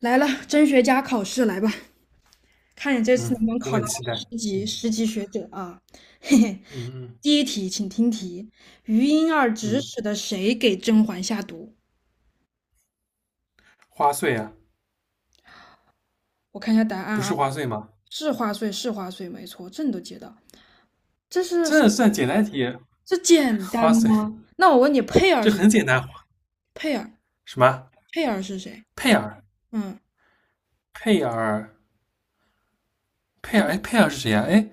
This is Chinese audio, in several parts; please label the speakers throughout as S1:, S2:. S1: 来了，真学家考试来吧，看你这次
S2: 嗯，
S1: 能不能
S2: 我
S1: 考
S2: 很
S1: 到
S2: 期待。
S1: 十级
S2: 嗯
S1: 十级学者啊！嘿嘿，
S2: 嗯嗯
S1: 第一题，请听题：余莺儿指
S2: 嗯，
S1: 使的谁给甄嬛下毒？
S2: 花穗啊，
S1: 我看一下答案
S2: 不
S1: 啊，
S2: 是花穗吗？
S1: 是花穗，是花穗，没错，这你都接到。这是什
S2: 这算简单题，
S1: 这简单
S2: 花穗
S1: 吗？那我问你，
S2: 这很简单。
S1: 佩儿，
S2: 什么？
S1: 佩儿是谁？
S2: 佩尔？
S1: 嗯，
S2: 佩尔？佩尔？哎，
S1: 佩。
S2: 佩尔是谁呀、哎，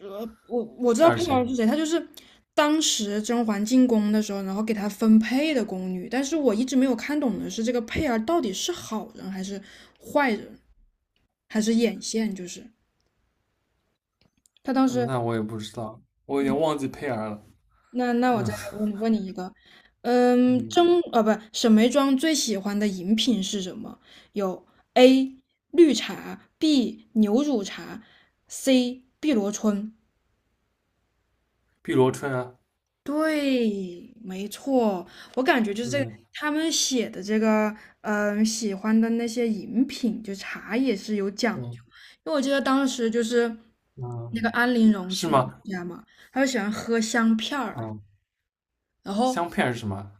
S1: 我知
S2: 佩
S1: 道
S2: 尔
S1: 佩
S2: 是
S1: 儿
S2: 谁？
S1: 是谁，她就是当时甄嬛进宫的时候，然后给她分配的宫女。但是我一直没有看懂的是，这个佩儿到底是好人还是坏人，还是眼线？就是她当
S2: 嗯
S1: 时，
S2: 那我也不知道，我有点
S1: 嗯，
S2: 忘记佩尔了。
S1: 那我再
S2: 嗯
S1: 来问问你一个，嗯，
S2: 嗯，
S1: 甄不，沈眉庄最喜欢的饮品是什么？有 A 绿茶，B 牛乳茶，C 碧螺春。
S2: 碧螺春啊，
S1: 对，没错，我感觉就是这个，
S2: 嗯
S1: 他们写的这个，喜欢的那些饮品，就茶也是有讲
S2: 嗯
S1: 究。因为我记得当时就是那
S2: 嗯，
S1: 个安陵容
S2: 是
S1: 去他们
S2: 吗？
S1: 家嘛，他就喜欢喝香片儿，
S2: 嗯，
S1: 然后
S2: 香佩尔是什么？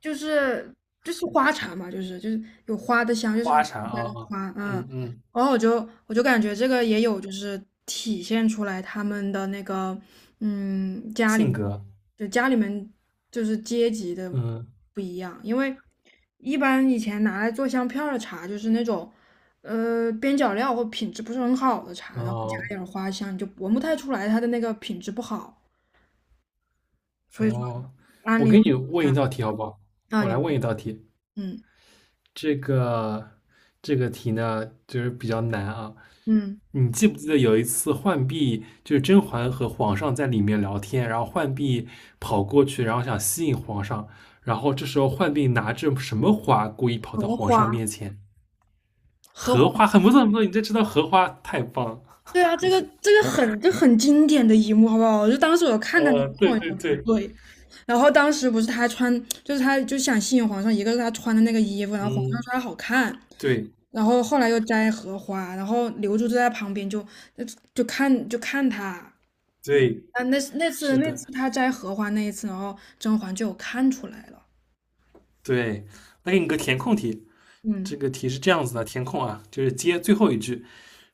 S1: 就是就是花茶嘛，就是有花的香，就是
S2: 花茶啊
S1: 加了
S2: 啊，
S1: 花，嗯，
S2: 嗯嗯，
S1: 然后我就感觉这个也有就是体现出来他们的那个嗯家里
S2: 性
S1: 面
S2: 格，
S1: 家里面就是阶级的
S2: 嗯
S1: 不一样，因为一般以前拿来做香片儿的茶就是那种边角料或品质不是很好的茶，然后加
S2: 哦。
S1: 点儿花香，你就闻不太出来它的那个品质不好，所以说
S2: 哦，
S1: 安
S2: 我
S1: 利
S2: 给你问一道题好不好？
S1: 啊
S2: 我
S1: 你
S2: 来问一道题，
S1: 嗯
S2: 这个这个题呢，就是比较难啊。
S1: 嗯
S2: 你记不记得有一次浣碧就是甄嬛和皇上在里面聊天，然后浣碧跑过去，然后想吸引皇上，然后这时候浣碧拿着什么花故意跑到
S1: 荷
S2: 皇上
S1: 花。
S2: 面前？
S1: 荷
S2: 荷
S1: 花，
S2: 花，很不错，很不错，你这知道荷花太棒了。
S1: 对啊，这个 这个很很经典的一幕，好不好？就当时我看他那
S2: 对
S1: 我也觉
S2: 对
S1: 得不
S2: 对，
S1: 对，然后当时不是他穿，就是他就想吸引皇上，一个是他穿的那个衣服，然后皇上
S2: 嗯，
S1: 说他好看，
S2: 对
S1: 然后后来又摘荷花，然后刘珠就在旁边就看他啊，
S2: 对，
S1: 那那次
S2: 是
S1: 那
S2: 的，
S1: 次他摘荷花那一次，然后甄嬛就有看出来了，
S2: 对。那给你个填空题，这
S1: 嗯
S2: 个题是这样子的，填空啊，就是接最后一句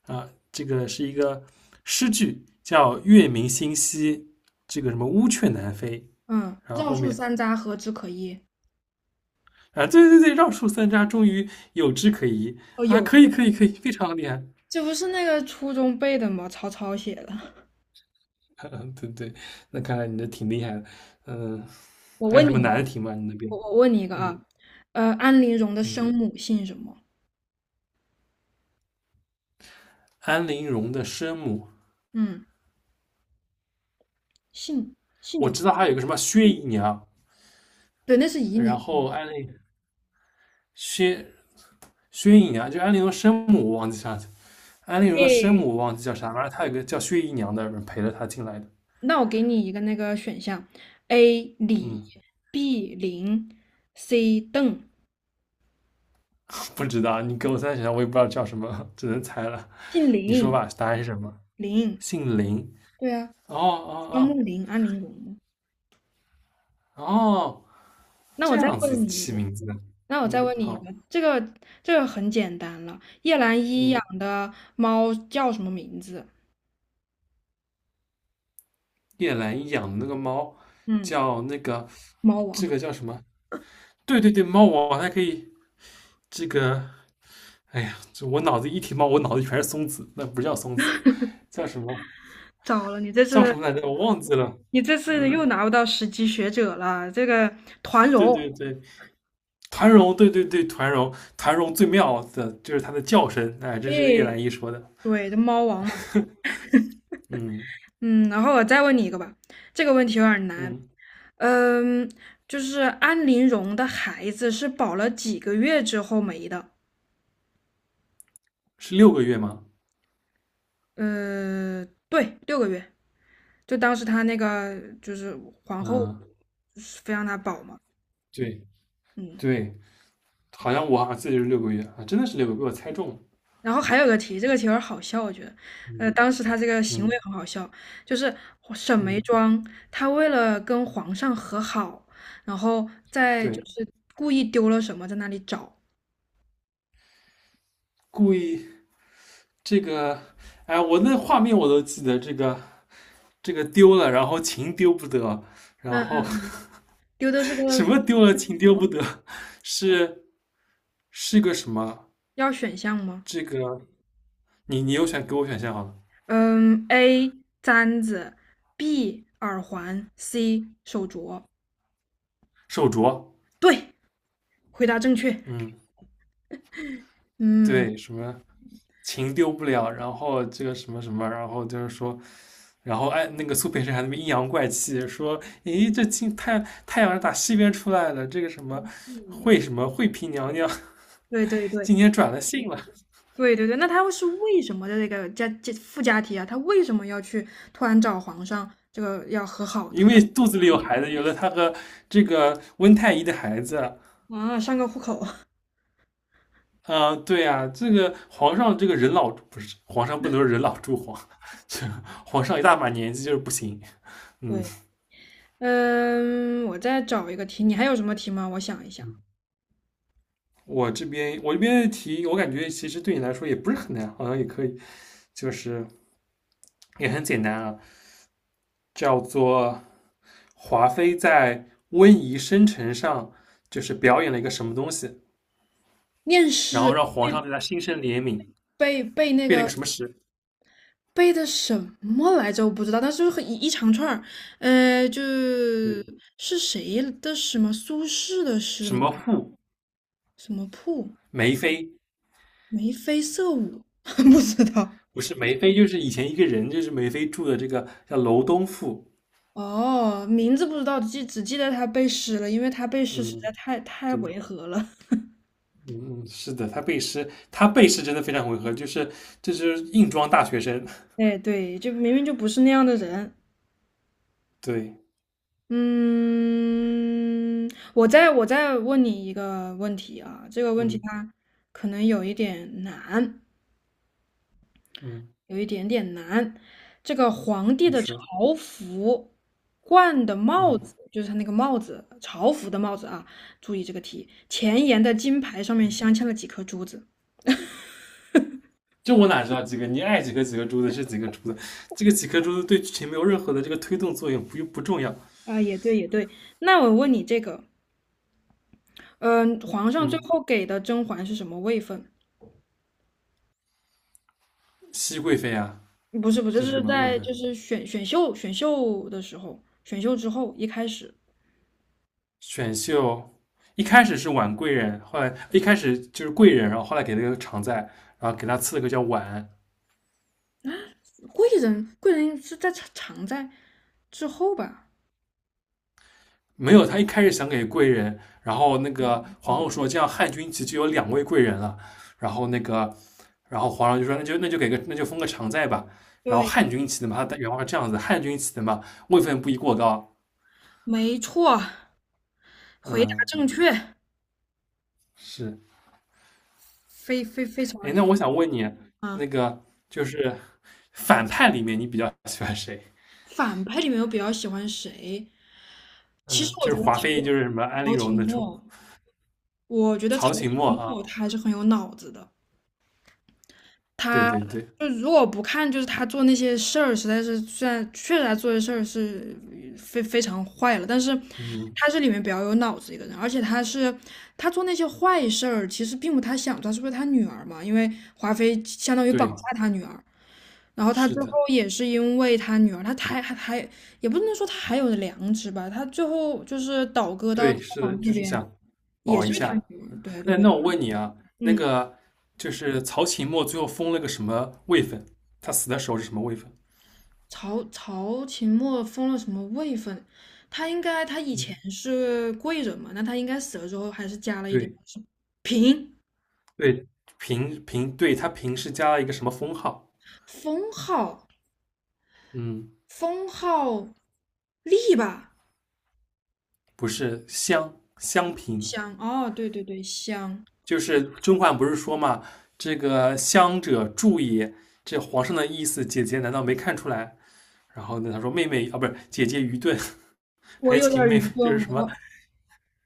S2: 啊，这个是一个诗句，叫“月明星稀，这个什么乌鹊南飞”，
S1: 嗯，
S2: 然后
S1: 绕
S2: 后
S1: 树
S2: 面
S1: 三匝何枝可依？
S2: 啊，对对对，绕树三匝，终于有枝可依
S1: 哦，
S2: 啊，
S1: 有，
S2: 可以可以可以，非常厉害，
S1: 这不是那个初中背的吗？曹操写的，
S2: 对对，那看来你这挺厉害的，嗯，
S1: 我
S2: 还有
S1: 问
S2: 什么
S1: 你。
S2: 难的题吗？你那
S1: 我
S2: 边？
S1: 我问你一个
S2: 嗯
S1: 啊，安陵容的
S2: 嗯，
S1: 生母姓什么？
S2: 安陵容的生母，
S1: 嗯，姓姓
S2: 我
S1: 就
S2: 知道还有一个什么薛姨娘，
S1: 对，那是姨娘。
S2: 然后安陵薛薛姨娘，就安陵容生母，我忘记啥去安陵容的生
S1: 诶，
S2: 母我忘记叫啥，反正她有个叫薛姨娘的人陪着她进来的。
S1: 那我给你一个那个选项：A 李
S2: 嗯，
S1: ，B 林，C 邓，
S2: 不知道，你给我三想想，我也不知道叫什么，只能猜了。
S1: 姓
S2: 你说
S1: 林
S2: 吧，答案是什么？
S1: 林。
S2: 姓林。
S1: 对啊，
S2: 哦
S1: 双
S2: 哦
S1: 木林，安陵容嘛
S2: 哦哦，
S1: 那
S2: 这
S1: 我再
S2: 样子
S1: 问你一
S2: 起
S1: 个，
S2: 名字的。
S1: 那我再
S2: 嗯，
S1: 问你一
S2: 好。
S1: 个，这个很简单了。叶澜依
S2: 嗯，
S1: 养的猫叫什么名字？
S2: 叶澜依养的那个猫
S1: 嗯，
S2: 叫那个，
S1: 猫王。
S2: 这个叫什么？对对对，猫王还可以这个。哎呀，这我脑子一提猫，我脑子全是松子，那不叫松子，叫什么？
S1: 糟了，你这
S2: 叫什
S1: 是。
S2: 么来着？我忘记了。
S1: 你这次又
S2: 嗯。
S1: 拿不到十级学者了，这个团
S2: 对
S1: 荣，
S2: 对对，团荣，对对对，团荣，团荣最妙的就是它的叫声，哎，这是叶
S1: 哎，
S2: 澜依说的，
S1: 对，这猫王嘛，
S2: 嗯
S1: 嗯，然后我再问你一个吧，这个问题有点难，
S2: 嗯，
S1: 嗯，就是安陵容的孩子是保了几个月之后没的？
S2: 是六个月吗？
S1: 对，6个月，就当时她那个就是皇后
S2: 嗯，
S1: 非让她保嘛，
S2: 对
S1: 嗯。
S2: 对，我好像记得是六个月啊，真的是六个月，被我猜中了，
S1: 然后还有个题，这个题有点好笑，我觉得，
S2: 嗯
S1: 当时他这个行
S2: 嗯
S1: 为很好笑，就是沈眉
S2: 嗯，
S1: 庄，她为了跟皇上和好，然后在就
S2: 对，
S1: 是故意丢了什么，在那里找，
S2: 故意这个，哎，我那画面我都记得，这个丢了，然后琴丢不得，然
S1: 嗯
S2: 后
S1: 嗯，丢的是 个
S2: 什
S1: 什
S2: 么丢了琴丢
S1: 么？
S2: 不得，是是个什么？
S1: 要选项吗？
S2: 这个你有选给我选项好了。
S1: 嗯，A 簪子，B 耳环，C 手镯。
S2: 手镯，
S1: 对，回答正确。
S2: 嗯
S1: 嗯
S2: 对，什么情丢不了，然后这个什么什么，然后就是说，然后哎，那个苏培盛还在那边阴阳怪气说，咦，这今太阳是打西边出来了，这个什么
S1: 嗯，
S2: 惠嫔娘娘
S1: 对对对，
S2: 今天转了性了，
S1: 对对对，那他是为什么的这个附加题啊？他为什么要去突然找皇上这个要和好
S2: 因
S1: 呢？
S2: 为肚子里有孩子，有了她和这个温太医的孩子，
S1: 啊，上个户口。
S2: 啊、对啊，这个皇上这个人老不是皇上不能人老珠黄，这皇上一大把年纪就是不行，嗯
S1: 对，嗯，我再找一个题，你还有什么题吗？我想一想，
S2: 我这边的题，我感觉其实对你来说也不是很难，好像也可以，就是也很简单啊，叫做华妃在温宜生辰上就是表演了一个什么东西，
S1: 念
S2: 然后
S1: 诗
S2: 让皇上对她心生怜悯，
S1: 背背那
S2: 背了一个
S1: 个
S2: 什么诗？
S1: 背的什么来着？我不知道，但是很一长串儿，就
S2: 对，
S1: 是谁的诗吗？苏轼的诗
S2: 什
S1: 吗？
S2: 么赋？
S1: 什么瀑？
S2: 梅妃
S1: 眉飞色舞？不知道。
S2: 不是梅妃，就是以前一个人，就是梅妃住的这个叫楼东赋。
S1: 哦，名字不知道，只记得他背诗了，因为他背诗实
S2: 嗯，
S1: 在太
S2: 对，
S1: 违和了。
S2: 嗯嗯，是的，他背诗，他背诗真的非常违和，就是这就是硬装大学生。
S1: 哎，对，就明明就不是那样的人。
S2: 对，
S1: 嗯，我再问你一个问题啊，这个问题
S2: 嗯
S1: 它可能有一点难，
S2: 嗯。
S1: 有一点点难。这个皇帝
S2: 你
S1: 的
S2: 说，
S1: 朝服冠的帽
S2: 嗯，
S1: 子，就是他那个帽子，朝服的帽子啊，注意这个题，前沿的金牌上面镶嵌了几颗珠子。
S2: 这我哪知道几个？你爱几个几个珠子是几个珠子，这个几颗珠子对剧情没有任何的这个推动作用，不重要。
S1: 啊，也对，也对。那我问你这个，嗯、皇上最
S2: 嗯，
S1: 后给的甄嬛是什么位分？
S2: 熹贵妃啊，
S1: 不是，不是，
S2: 这是什
S1: 是
S2: 么贵
S1: 在
S2: 妃？
S1: 就是选秀的时候，选秀之后一开始，
S2: 选秀一开始是婉贵人，后来一开始就是贵人，然后后来给了个常在，然后给他赐了个叫婉，
S1: 贵人贵人是在常在之后吧？
S2: 没有，他一开始想给贵人，然后那个皇后说这样汉军旗就有两位贵人了，然后那个，然后皇上就说那就封个常在吧。然后
S1: 对，
S2: 汉军旗的嘛，他原话是这样子，汉军旗的嘛，位分不宜过高。
S1: 没错，回答正
S2: 嗯，
S1: 确，
S2: 是。
S1: 非常
S2: 哎，
S1: 你
S2: 那我想问你，那
S1: 啊！
S2: 个就是反派里面你比较喜欢谁？
S1: 反派里面我比较喜欢谁？其实
S2: 嗯，
S1: 我
S2: 就
S1: 觉
S2: 是
S1: 得
S2: 华妃，就
S1: 曹
S2: 是什么安陵
S1: 曹廷
S2: 容那种，
S1: 墨，我觉得曹
S2: 曹琴墨
S1: 廷
S2: 啊，
S1: 墨他还是很有脑子的。
S2: 对
S1: 他
S2: 对对，
S1: 就如果不看，就是他做那些事儿，实在是虽然确实他做的事儿是非常坏了，但是
S2: 嗯，
S1: 他是里面比较有脑子一个人，而且他做那些坏事儿，其实并不他想做，是不是他女儿嘛？因为华妃相当于绑架
S2: 对，
S1: 他女儿，然后他
S2: 是
S1: 最后
S2: 的，
S1: 也是因为他女儿，他还也不能说他还有良知吧，他最后就是倒戈到朝
S2: 对，是的，
S1: 皇那
S2: 就是
S1: 边，
S2: 想
S1: 也
S2: 保
S1: 是
S2: 一
S1: 因为他
S2: 下。
S1: 女儿，对对
S2: 那
S1: 对，
S2: 那我问你啊，那
S1: 嗯。
S2: 个就是曹琴墨最后封了个什么位分？他死的时候是什么位分？
S1: 曹琴墨封了什么位分？他应该他以
S2: 嗯，
S1: 前是贵人嘛，那他应该死了之后还是加了一点
S2: 对
S1: 是嫔
S2: 对，嫔嫔，对他嫔是加了一个什么封号？
S1: 封号
S2: 嗯，
S1: 封号立吧？
S2: 不是襄嫔，
S1: 香哦，对对对，香。
S2: 就是甄嬛不是说嘛，这个襄者助也，这皇上的意思，姐姐难道没看出来？然后呢，他说妹妹啊，不是姐姐愚钝，
S1: 我
S2: 还
S1: 有点
S2: 请
S1: 儿
S2: 妹妹
S1: 愚
S2: 就是
S1: 钝，
S2: 什么，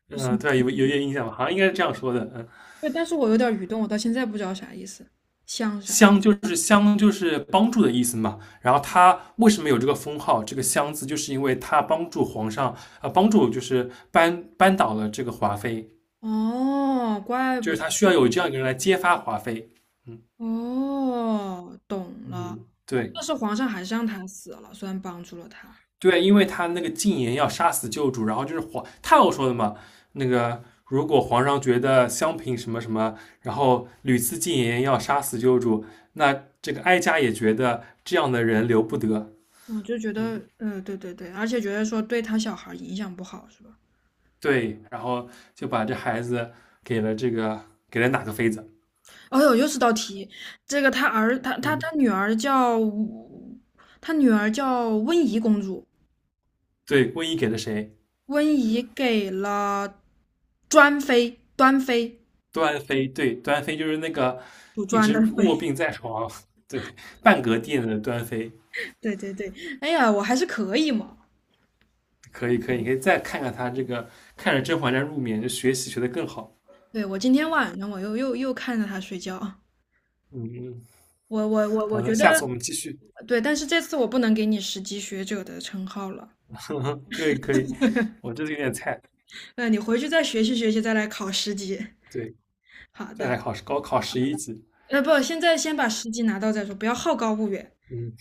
S1: 我是？
S2: 嗯、对吧有点印象吧？好像应该是这样说的，嗯。
S1: 对，但是我有点儿愚钝，我到现在不知道啥意思，香是啥意思？
S2: 相就是帮助的意思嘛。然后他为什么有这个封号？这个相字，就是因为他帮助皇上啊帮助就是扳倒了这个华妃，
S1: 哦，怪
S2: 就
S1: 不
S2: 是
S1: 得，
S2: 他需要有这样一个人来揭发华妃。
S1: 哦，懂了。
S2: 嗯，对
S1: 但是皇上还是让他死了，虽然帮助了他。
S2: 对，因为他那个禁言要杀死旧主，然后就是皇太后说的嘛，那个。如果皇上觉得襄平什么什么，然后屡次进言要杀死旧主，那这个哀家也觉得这样的人留不得。
S1: 我就觉
S2: 嗯，
S1: 得，对对对，而且觉得说对他小孩影响不好，是吧？
S2: 对，然后就把这孩子给了这个给了哪个妃子？
S1: 哎呦，又是道题，这个他儿，他他
S2: 嗯，
S1: 他女儿叫，他女儿叫温宜公主，
S2: 对，温宜给了谁？
S1: 温宜给了专妃，端妃，
S2: 端妃，对，端妃就是那个
S1: 主
S2: 一
S1: 专的
S2: 直
S1: 妃，
S2: 卧病在床，对，半格殿的端妃。
S1: 对对对，哎呀，我还是可以嘛。
S2: 可以，可以，你可以再看看他这个，看着《甄嬛传》入眠，就学习学得更好。
S1: 对，我今天晚上我又看着他睡觉，
S2: 嗯嗯，
S1: 我
S2: 好的，
S1: 觉
S2: 下
S1: 得
S2: 次我们继续。
S1: 对，但是这次我不能给你十级学者的称号了，
S2: 可以，可以，我这里有点菜，
S1: 那你回去再学习学习，再来考十级。
S2: 对，
S1: 好
S2: 再
S1: 的。
S2: 来考试，高考11级。
S1: 不，现在先把十级拿到再说，不要好高骛远。
S2: 嗯，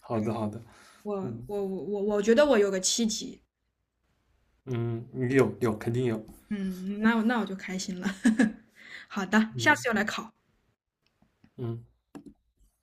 S2: 好的，好的，
S1: 我
S2: 嗯
S1: 我觉得我有个7级，
S2: 嗯，有有，肯定有。
S1: 嗯，那我就开心了。好的，下
S2: 嗯
S1: 次又来考。
S2: 嗯。